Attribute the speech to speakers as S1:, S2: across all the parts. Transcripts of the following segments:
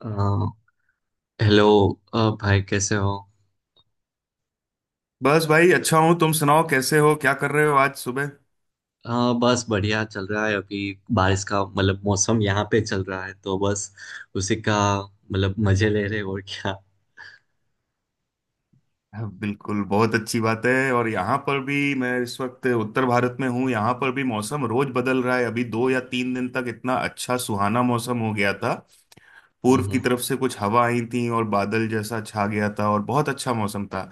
S1: अ, hello. भाई कैसे हो?
S2: बस भाई अच्छा हूँ। तुम सुनाओ कैसे हो, क्या कर रहे हो आज सुबह?
S1: अ, बस बढ़िया चल रहा है अभी। बारिश का मतलब मौसम यहाँ पे चल रहा है तो बस उसी का मतलब मजे ले रहे हैं और क्या।
S2: हाँ, बिल्कुल बहुत अच्छी बात है। और यहाँ पर भी मैं इस वक्त उत्तर भारत में हूँ। यहाँ पर भी मौसम रोज बदल रहा है। अभी दो या तीन दिन तक इतना अच्छा सुहाना मौसम हो गया था।
S1: हम्म,
S2: पूर्व की तरफ से कुछ हवा आई थी और बादल जैसा छा
S1: हम्म।
S2: गया था और बहुत अच्छा मौसम था।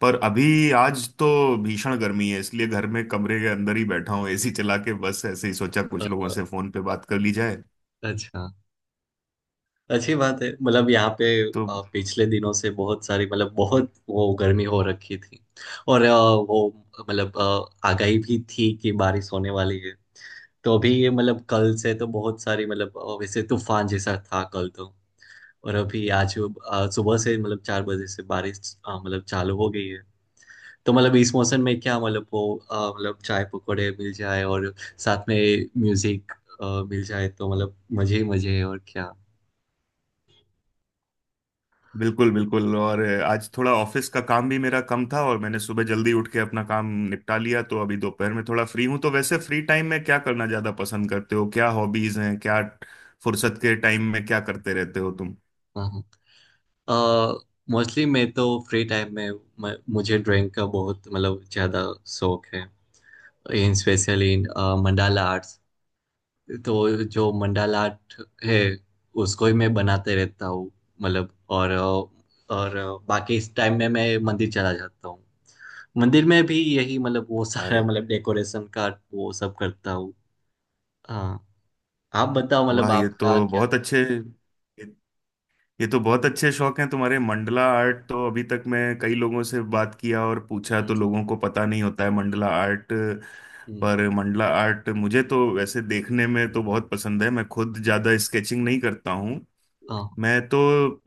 S2: पर अभी आज तो भीषण गर्मी है, इसलिए घर में कमरे के अंदर ही बैठा हूँ एसी चला के। बस ऐसे ही सोचा
S1: अ,
S2: कुछ लोगों से फोन पे बात कर ली जाए।
S1: अच्छा। अच्छी बात है मतलब यहाँ पे
S2: तो
S1: पिछले दिनों से बहुत सारी मतलब बहुत वो गर्मी हो रखी थी। और वो मतलब आगाही भी थी कि बारिश होने वाली है। तो अभी ये मतलब कल से तो बहुत सारी मतलब वैसे तूफान जैसा था कल तो। और अभी आज सुबह से मतलब 4 बजे से बारिश मतलब चालू हो गई है। तो मतलब इस मौसम में क्या मतलब वो मतलब चाय पकौड़े मिल जाए और साथ में म्यूजिक मिल जाए तो मतलब मजे ही मजे है और क्या।
S2: बिल्कुल बिल्कुल। और आज थोड़ा ऑफिस का काम भी मेरा कम था और मैंने सुबह जल्दी उठ के अपना काम निपटा लिया। तो अभी दोपहर में थोड़ा फ्री हूं। तो वैसे फ्री टाइम में क्या करना ज्यादा पसंद करते हो? क्या हॉबीज हैं? क्या फुर्सत के टाइम में क्या करते रहते हो तुम?
S1: हाँ। मोस्टली मैं तो फ्री टाइम में मुझे ड्राइंग का बहुत मतलब ज़्यादा शौक है। In specially in mandala arts. तो जो मंडाला आर्ट है उसको ही मैं बनाते रहता हूँ मतलब। और और बाकी इस टाइम में मैं मंदिर चला जाता हूँ। मंदिर में भी यही मतलब वो सारा
S2: अरे
S1: मतलब डेकोरेशन का वो सब करता हूँ। हाँ। आप बताओ मतलब
S2: वाह,
S1: आपका क्या।
S2: ये ये तो बहुत अच्छे शौक हैं तुम्हारे। मंडला आर्ट तो अभी तक मैं कई लोगों से बात किया और पूछा तो
S1: हम्म,
S2: लोगों को पता नहीं होता है मंडला आर्ट।
S1: हम्म।
S2: पर मंडला आर्ट मुझे तो वैसे देखने में तो बहुत पसंद है। मैं खुद ज़्यादा स्केचिंग नहीं करता हूँ।
S1: हाँ।
S2: मैं तो अ,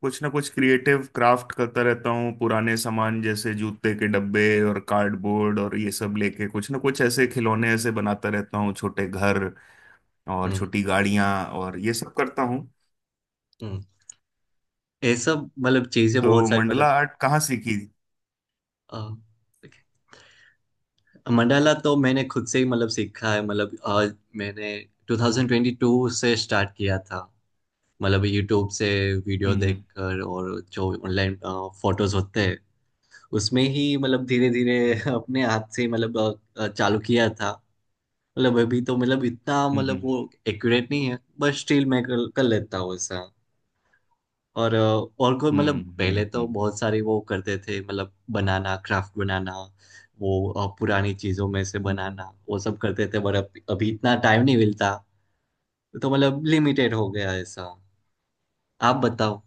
S2: कुछ ना कुछ क्रिएटिव क्राफ्ट करता रहता हूँ। पुराने सामान जैसे जूते के डब्बे और कार्डबोर्ड और ये सब लेके कुछ ना कुछ ऐसे खिलौने ऐसे बनाता रहता हूँ, छोटे घर और
S1: हम्म, हम्म।
S2: छोटी गाड़ियाँ, और ये सब करता हूँ।
S1: हम्म। ये सब मतलब चीजें
S2: तो
S1: बहुत सारी मतलब।
S2: मंडला आर्ट कहाँ सीखी?
S1: अ, मंडाला तो मैंने खुद से ही मतलब सीखा है मतलब। मैंने 2022 से स्टार्ट किया था मतलब यूट्यूब से वीडियो
S2: हम्म।
S1: देखकर, और जो ऑनलाइन फोटोज होते हैं उसमें ही मतलब धीरे धीरे
S2: हम्म।
S1: अपने हाथ से मतलब चालू किया था। मतलब अभी तो मतलब इतना
S2: हम्म।
S1: मतलब
S2: हम्म।
S1: वो एक्यूरेट नहीं है बट स्टिल मैं कर लेता हूँ ऐसा। और और कोई मतलब
S2: हम्म।
S1: पहले तो बहुत सारे वो करते थे मतलब बनाना क्राफ्ट बनाना। वो पुरानी चीजों में से
S2: हम्म, हम्म।
S1: बनाना वो सब करते थे पर अब अभी इतना टाइम नहीं मिलता। तो मतलब लिमिटेड हो गया ऐसा। आप बताओ।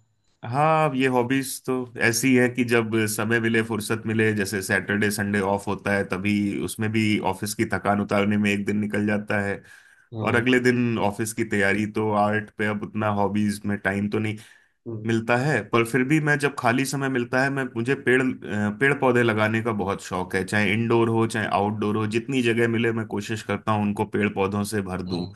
S2: हाँ अब ये हॉबीज तो ऐसी है कि जब समय मिले, फुर्सत मिले, जैसे सैटरडे संडे ऑफ होता है तभी। उसमें भी ऑफिस की थकान उतारने में एक दिन निकल जाता है और
S1: हाँ।
S2: अगले दिन ऑफिस की तैयारी। तो आर्ट पे अब उतना हॉबीज में टाइम तो नहीं
S1: हम्म,
S2: मिलता है। पर फिर भी मैं जब खाली समय मिलता है, मैं मुझे पेड़ पौधे लगाने का बहुत शौक है। चाहे इंडोर हो, चाहे आउटडोर हो, जितनी जगह मिले मैं कोशिश करता हूँ उनको पेड़ पौधों से भर
S1: हाँ।
S2: दूं।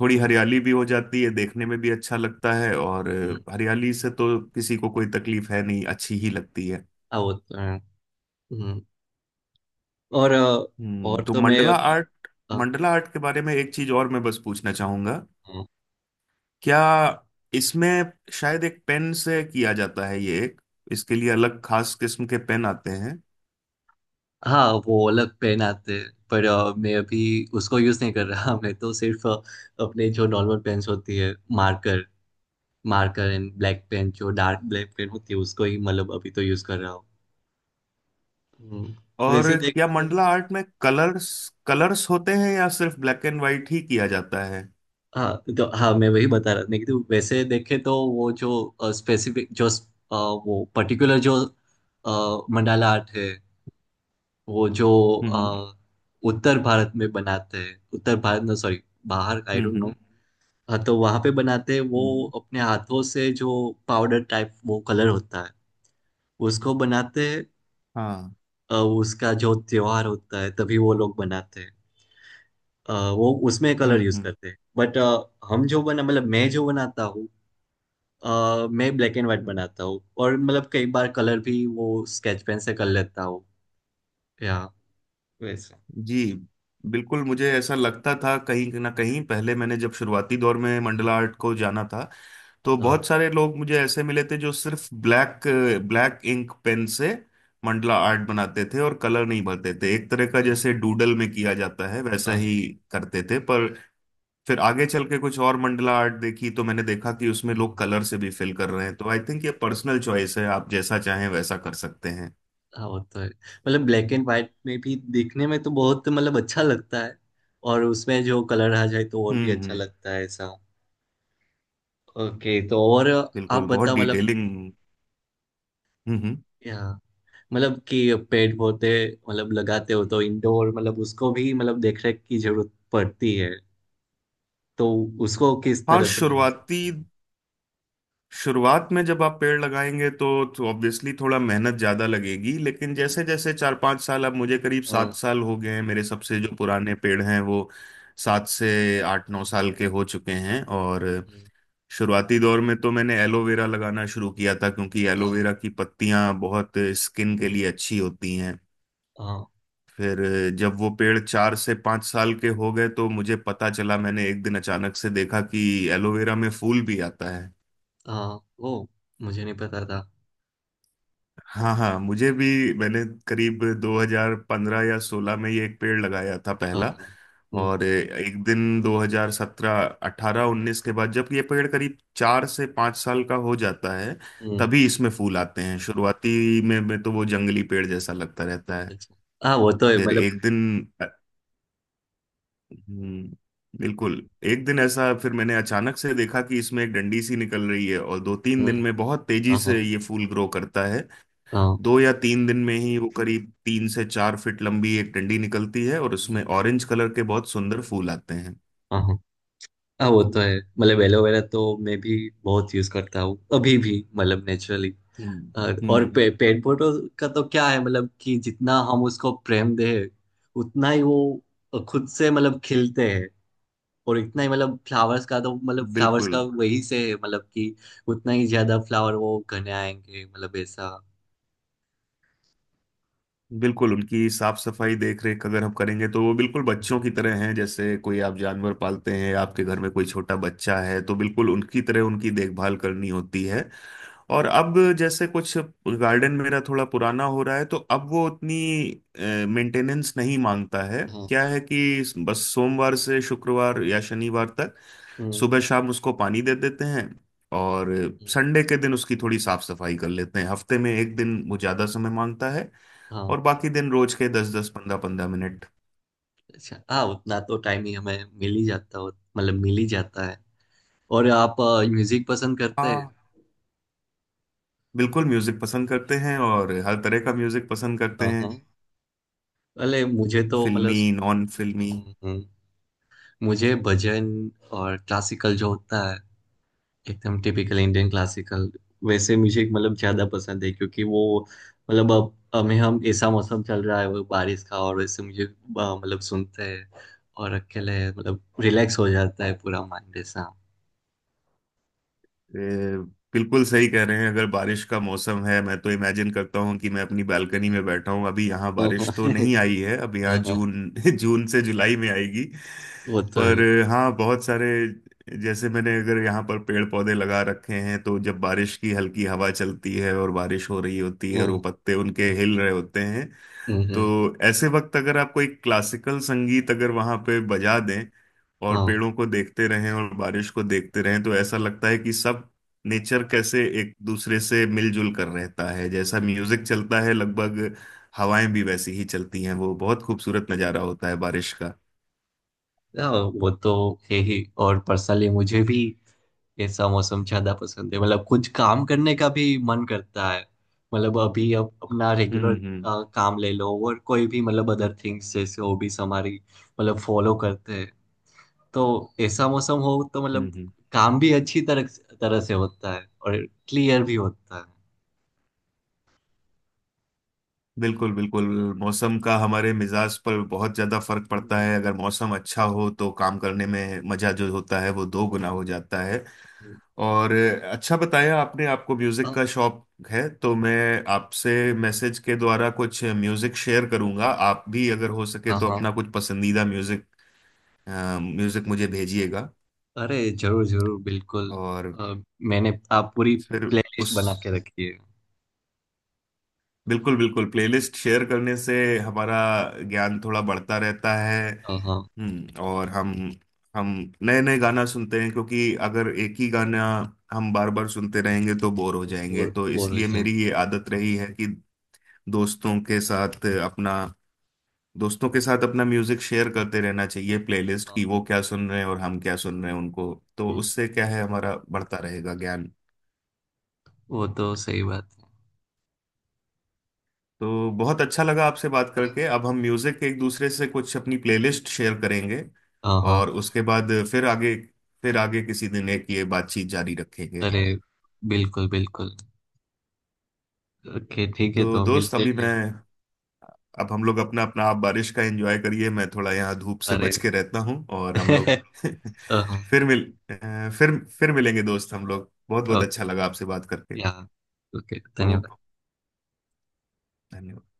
S2: थोड़ी
S1: हम्म,
S2: हरियाली भी हो जाती है, देखने में भी अच्छा लगता है। और
S1: हम्म।
S2: हरियाली से तो किसी को कोई तकलीफ है नहीं, अच्छी ही लगती है।
S1: हाँ, वो तो है। हम्म। और अ,
S2: हम्म।
S1: और
S2: तो
S1: तो मैं
S2: मंडला
S1: अभी
S2: आर्ट,
S1: अ,
S2: मंडला आर्ट के बारे में एक चीज और मैं बस पूछना चाहूंगा।
S1: अ,
S2: क्या इसमें शायद एक पेन से किया जाता है? ये एक, इसके लिए अलग खास किस्म के पेन आते हैं?
S1: हाँ, वो अलग पेन आते हैं पर मैं अभी उसको यूज नहीं कर रहा मैं तो सिर्फ अपने जो नॉर्मल पेन्स होती है। Marker. Marker and black pen जो डार्क ब्लैक पेन होती है उसको ही मतलब अभी तो यूज कर रहा हूँ। हम्म,
S2: और
S1: वैसे
S2: क्या
S1: देखे तो
S2: मंडला आर्ट में कलर्स, कलर्स होते हैं या सिर्फ ब्लैक एंड व्हाइट ही किया जाता है?
S1: हाँ। तो हाँ, मैं वही बता रहा था कि तो वैसे देखे तो वो जो स्पेसिफिक जो वो पर्टिकुलर जो मंडाला आर्ट है वो जो
S2: हम्म।
S1: अ, उत्तर भारत में बनाते हैं। उत्तर भारत ना, सॉरी, बाहर, आई
S2: हम्म।
S1: Don't know.
S2: हम्म।
S1: हाँ, तो वहां पे बनाते हैं वो
S2: हम्म,
S1: अपने हाथों से जो पाउडर टाइप वो कलर होता है उसको बनाते हैं।
S2: हाँ।
S1: उसका जो त्योहार होता है तभी वो लोग बनाते हैं। वो उसमें कलर यूज
S2: हम्म।
S1: करते हैं बट हम जो बना मतलब मैं जो बनाता हूँ मैं ब्लैक एंड व्हाइट
S2: हम्म।
S1: बनाता हूँ और मतलब कई बार कलर भी वो स्केच पेन से कर लेता हूँ या वैसे।
S2: जी बिल्कुल। मुझे ऐसा लगता था, कहीं ना कहीं पहले मैंने जब शुरुआती दौर में मंडला आर्ट को जाना था तो
S1: हाँ,
S2: बहुत सारे लोग मुझे ऐसे मिले थे जो सिर्फ ब्लैक ब्लैक इंक पेन से मंडला आर्ट बनाते थे और कलर नहीं भरते थे। एक तरह का
S1: हाँ,
S2: जैसे डूडल में किया जाता है वैसा
S1: हाँ,
S2: ही
S1: हाँ,
S2: करते थे। पर फिर आगे चल के कुछ और मंडला आर्ट देखी तो मैंने देखा कि उसमें लोग
S1: हाँ।
S2: कलर से भी फिल कर रहे हैं। तो आई थिंक ये पर्सनल चॉइस है, आप जैसा चाहें वैसा कर सकते हैं।
S1: हाँ, वो तो है। मतलब ब्लैक एंड व्हाइट में भी देखने में तो बहुत मतलब अच्छा लगता है। और उसमें जो कलर आ जाए तो और भी
S2: हम्म।
S1: अच्छा
S2: हम्म।
S1: लगता है ऐसा। ओके। तो और आप
S2: बिल्कुल, बहुत
S1: बता मतलब
S2: डिटेलिंग। हम्म। हम्म।
S1: यहाँ मतलब कि पेड़ पौधे मतलब लगाते हो तो इंडोर मतलब उसको भी मतलब देख रेख की जरूरत पड़ती है। तो उसको किस
S2: हाँ
S1: तरह से मैनेज
S2: शुरुआती
S1: करते हैं?
S2: शुरुआत में जब आप पेड़ लगाएंगे तो ऑब्वियसली थोड़ा मेहनत ज्यादा लगेगी। लेकिन जैसे जैसे चार पांच साल, अब मुझे करीब सात
S1: हाँ।
S2: साल हो गए हैं। मेरे सबसे जो पुराने पेड़ हैं वो सात से आठ नौ साल के हो चुके हैं। और
S1: हम्म,
S2: शुरुआती दौर में तो मैंने एलोवेरा लगाना शुरू किया था क्योंकि
S1: हाँ।
S2: एलोवेरा की पत्तियां बहुत स्किन के
S1: हम्म,
S2: लिए अच्छी होती हैं।
S1: हाँ।
S2: फिर जब वो पेड़ 4 से 5 साल के हो गए तो मुझे पता चला, मैंने एक दिन अचानक से देखा कि एलोवेरा में फूल भी आता है।
S1: हाँ, वो मुझे नहीं पता था।
S2: हाँ हाँ, मुझे भी, मैंने करीब 2015 या 16 में ये एक पेड़ लगाया था
S1: हाँ।
S2: पहला।
S1: हम्म।
S2: और एक दिन 2017 18 19 के बाद जब ये पेड़ करीब 4 से 5 साल का हो जाता है
S1: हम्म,
S2: तभी इसमें फूल आते हैं। शुरुआती में तो वो जंगली पेड़ जैसा लगता रहता है।
S1: अच्छा। हाँ, वो तो है
S2: फिर
S1: मतलब।
S2: एक दिन। हम्म, बिल्कुल। एक दिन ऐसा फिर मैंने अचानक से देखा कि इसमें एक डंडी सी निकल रही है और दो तीन दिन
S1: हम्म।
S2: में बहुत तेजी
S1: हाँ, हाँ,
S2: से ये फूल ग्रो करता है।
S1: हाँ।
S2: दो या तीन दिन में ही वो करीब 3 से 4 फीट लंबी एक डंडी निकलती है और उसमें
S1: हम्म,
S2: ऑरेंज कलर के बहुत सुंदर फूल आते हैं।
S1: हाँ, हाँ। हाँ, वो तो है मतलब एलोवेरा तो मैं भी बहुत यूज करता हूँ अभी भी मतलब नेचुरली।
S2: हम्म।
S1: और
S2: हम्म।
S1: पेड़ पौधों का तो क्या है मतलब कि जितना हम उसको प्रेम दे उतना ही वो खुद से मतलब खिलते हैं। और इतना ही मतलब फ्लावर्स का तो मतलब फ्लावर्स
S2: बिल्कुल
S1: का वही से है मतलब कि उतना ही ज्यादा फ्लावर वो घने आएंगे मतलब ऐसा।
S2: बिल्कुल, उनकी साफ सफाई देख रेख अगर हम करेंगे तो वो बिल्कुल बच्चों की तरह हैं। जैसे कोई आप जानवर पालते हैं, आपके घर में कोई छोटा बच्चा है, तो बिल्कुल उनकी तरह उनकी देखभाल करनी होती है। और अब जैसे कुछ गार्डन मेरा थोड़ा पुराना हो रहा है तो अब वो उतनी मेंटेनेंस नहीं मांगता है।
S1: हाँ।
S2: क्या है कि बस सोमवार से शुक्रवार या शनिवार तक
S1: हम्म,
S2: सुबह शाम उसको पानी दे देते हैं। और
S1: हम्म।
S2: संडे के दिन उसकी थोड़ी साफ सफाई कर लेते हैं। हफ्ते में एक दिन वो ज्यादा समय मांगता है
S1: हाँ,
S2: और बाकी दिन रोज के 10-10 15-15 मिनट।
S1: अच्छा। हाँ, उतना तो टाइम ही हमें मिल ही जाता हो मतलब मिल ही जाता है। और आप म्यूजिक पसंद करते हैं?
S2: हाँ, बिल्कुल म्यूजिक पसंद करते हैं और हर तरह का म्यूजिक पसंद करते
S1: हाँ,
S2: हैं।
S1: हाँ। अरे, मुझे तो मतलब
S2: फिल्मी नॉन फिल्मी।
S1: हम्म, हम्म। मुझे भजन और क्लासिकल जो होता है एकदम टिपिकल इंडियन क्लासिकल वैसे म्यूजिक मतलब ज्यादा पसंद है क्योंकि वो मतलब अब हमें हम ऐसा मौसम चल रहा है वो बारिश का और वैसे मुझे मतलब सुनते हैं और अकेले मतलब रिलैक्स हो जाता है पूरा माइंड ऐसा।
S2: ए, बिल्कुल सही कह रहे हैं, अगर बारिश का मौसम है मैं तो इमेजिन करता हूँ कि मैं अपनी बालकनी
S1: हम्म,
S2: में बैठा हूँ। अभी यहाँ
S1: हाँ, हाँ,
S2: बारिश तो नहीं आई है, अब यहाँ
S1: हाँ, हाँ,
S2: जून, जून से जुलाई में आएगी।
S1: वो तो है।
S2: पर हाँ, बहुत सारे जैसे मैंने अगर यहाँ पर पेड़ पौधे लगा रखे हैं तो जब बारिश की हल्की हवा चलती है और बारिश हो रही होती है और
S1: हम्म,
S2: वो पत्ते उनके
S1: हम्म,
S2: हिल रहे होते हैं,
S1: हम्म,
S2: तो ऐसे वक्त अगर आपको एक क्लासिकल संगीत अगर वहां पे बजा दें और
S1: हाँ।
S2: पेड़ों को देखते रहें और बारिश को देखते रहें तो ऐसा लगता है कि सब नेचर कैसे एक दूसरे से मिलजुल कर रहता है। जैसा म्यूजिक चलता है, लगभग हवाएं भी वैसी ही चलती हैं। वो बहुत खूबसूरत नज़ारा होता है बारिश का।
S1: हाँ, वो तो है ही। और पर्सनली मुझे भी ऐसा मौसम ज्यादा पसंद है मतलब कुछ काम करने का भी मन करता है। मतलब अभी अब अपना रेगुलर
S2: हम्म। हम्म।
S1: काम ले लो और कोई भी मतलब अदर थिंग्स जैसे हॉबीज हमारी मतलब फॉलो करते हैं तो ऐसा मौसम हो तो
S2: हम्म।
S1: मतलब
S2: हम्म।
S1: काम भी अच्छी तरह तरह से होता है और क्लियर भी होता है।
S2: बिल्कुल बिल्कुल। मौसम का हमारे मिजाज पर बहुत ज्यादा फर्क पड़ता
S1: हम्म,
S2: है। अगर मौसम अच्छा हो तो काम करने में मजा जो होता है वो दो गुना हो जाता है।
S1: हम्म।
S2: और अच्छा बताया आपने, आपको म्यूजिक
S1: हाँ,
S2: का शौक है। तो मैं आपसे मैसेज के द्वारा कुछ म्यूजिक शेयर करूंगा। आप भी अगर हो सके
S1: हाँ।
S2: तो
S1: हाँ।
S2: अपना कुछ पसंदीदा म्यूजिक मुझे भेजिएगा।
S1: अरे जरूर जरूर बिल्कुल।
S2: और
S1: अ, मैंने आप पूरी
S2: फिर
S1: प्लेलिस्ट बना
S2: उस
S1: के रखी है।
S2: बिल्कुल बिल्कुल, प्लेलिस्ट शेयर करने से हमारा ज्ञान थोड़ा बढ़ता रहता है।
S1: हाँ, हाँ।
S2: हम्म। और हम नए नए गाना सुनते हैं। क्योंकि अगर एक ही गाना हम बार बार सुनते रहेंगे तो बोर हो
S1: वो
S2: जाएंगे।
S1: बोर
S2: तो
S1: बोर हो
S2: इसलिए
S1: जाएंगे।
S2: मेरी ये आदत रही है कि दोस्तों के साथ अपना दोस्तों के साथ अपना म्यूजिक शेयर करते रहना चाहिए, प्लेलिस्ट
S1: हाँ,
S2: की,
S1: हाँ।
S2: वो क्या सुन रहे हैं और हम क्या सुन रहे हैं उनको। तो
S1: हम्म,
S2: उससे क्या है, हमारा बढ़ता रहेगा ज्ञान।
S1: वो तो सही बात है।
S2: तो बहुत अच्छा लगा आपसे बात करके।
S1: हाँ,
S2: अब हम म्यूजिक एक दूसरे से कुछ अपनी प्लेलिस्ट शेयर करेंगे।
S1: हाँ, हाँ।
S2: और उसके बाद फिर आगे किसी दिन एक ये बातचीत जारी रखेंगे।
S1: अरे बिल्कुल बिल्कुल। ओके ठीक है,
S2: तो
S1: तो
S2: दोस्त
S1: मिलते हैं
S2: अभी मैं
S1: फिर।
S2: अब हम लोग अपना अपना आप बारिश का एंजॉय करिए। मैं थोड़ा यहाँ धूप से
S1: अरे
S2: बच के रहता हूँ और हम लोग
S1: हाँ।
S2: फिर मिल अ, फिर मिलेंगे दोस्त। हम लोग, बहुत बहुत
S1: ओके।
S2: अच्छा लगा आपसे बात करके।
S1: या, ओके,
S2: तो
S1: धन्यवाद।
S2: धन्यवाद।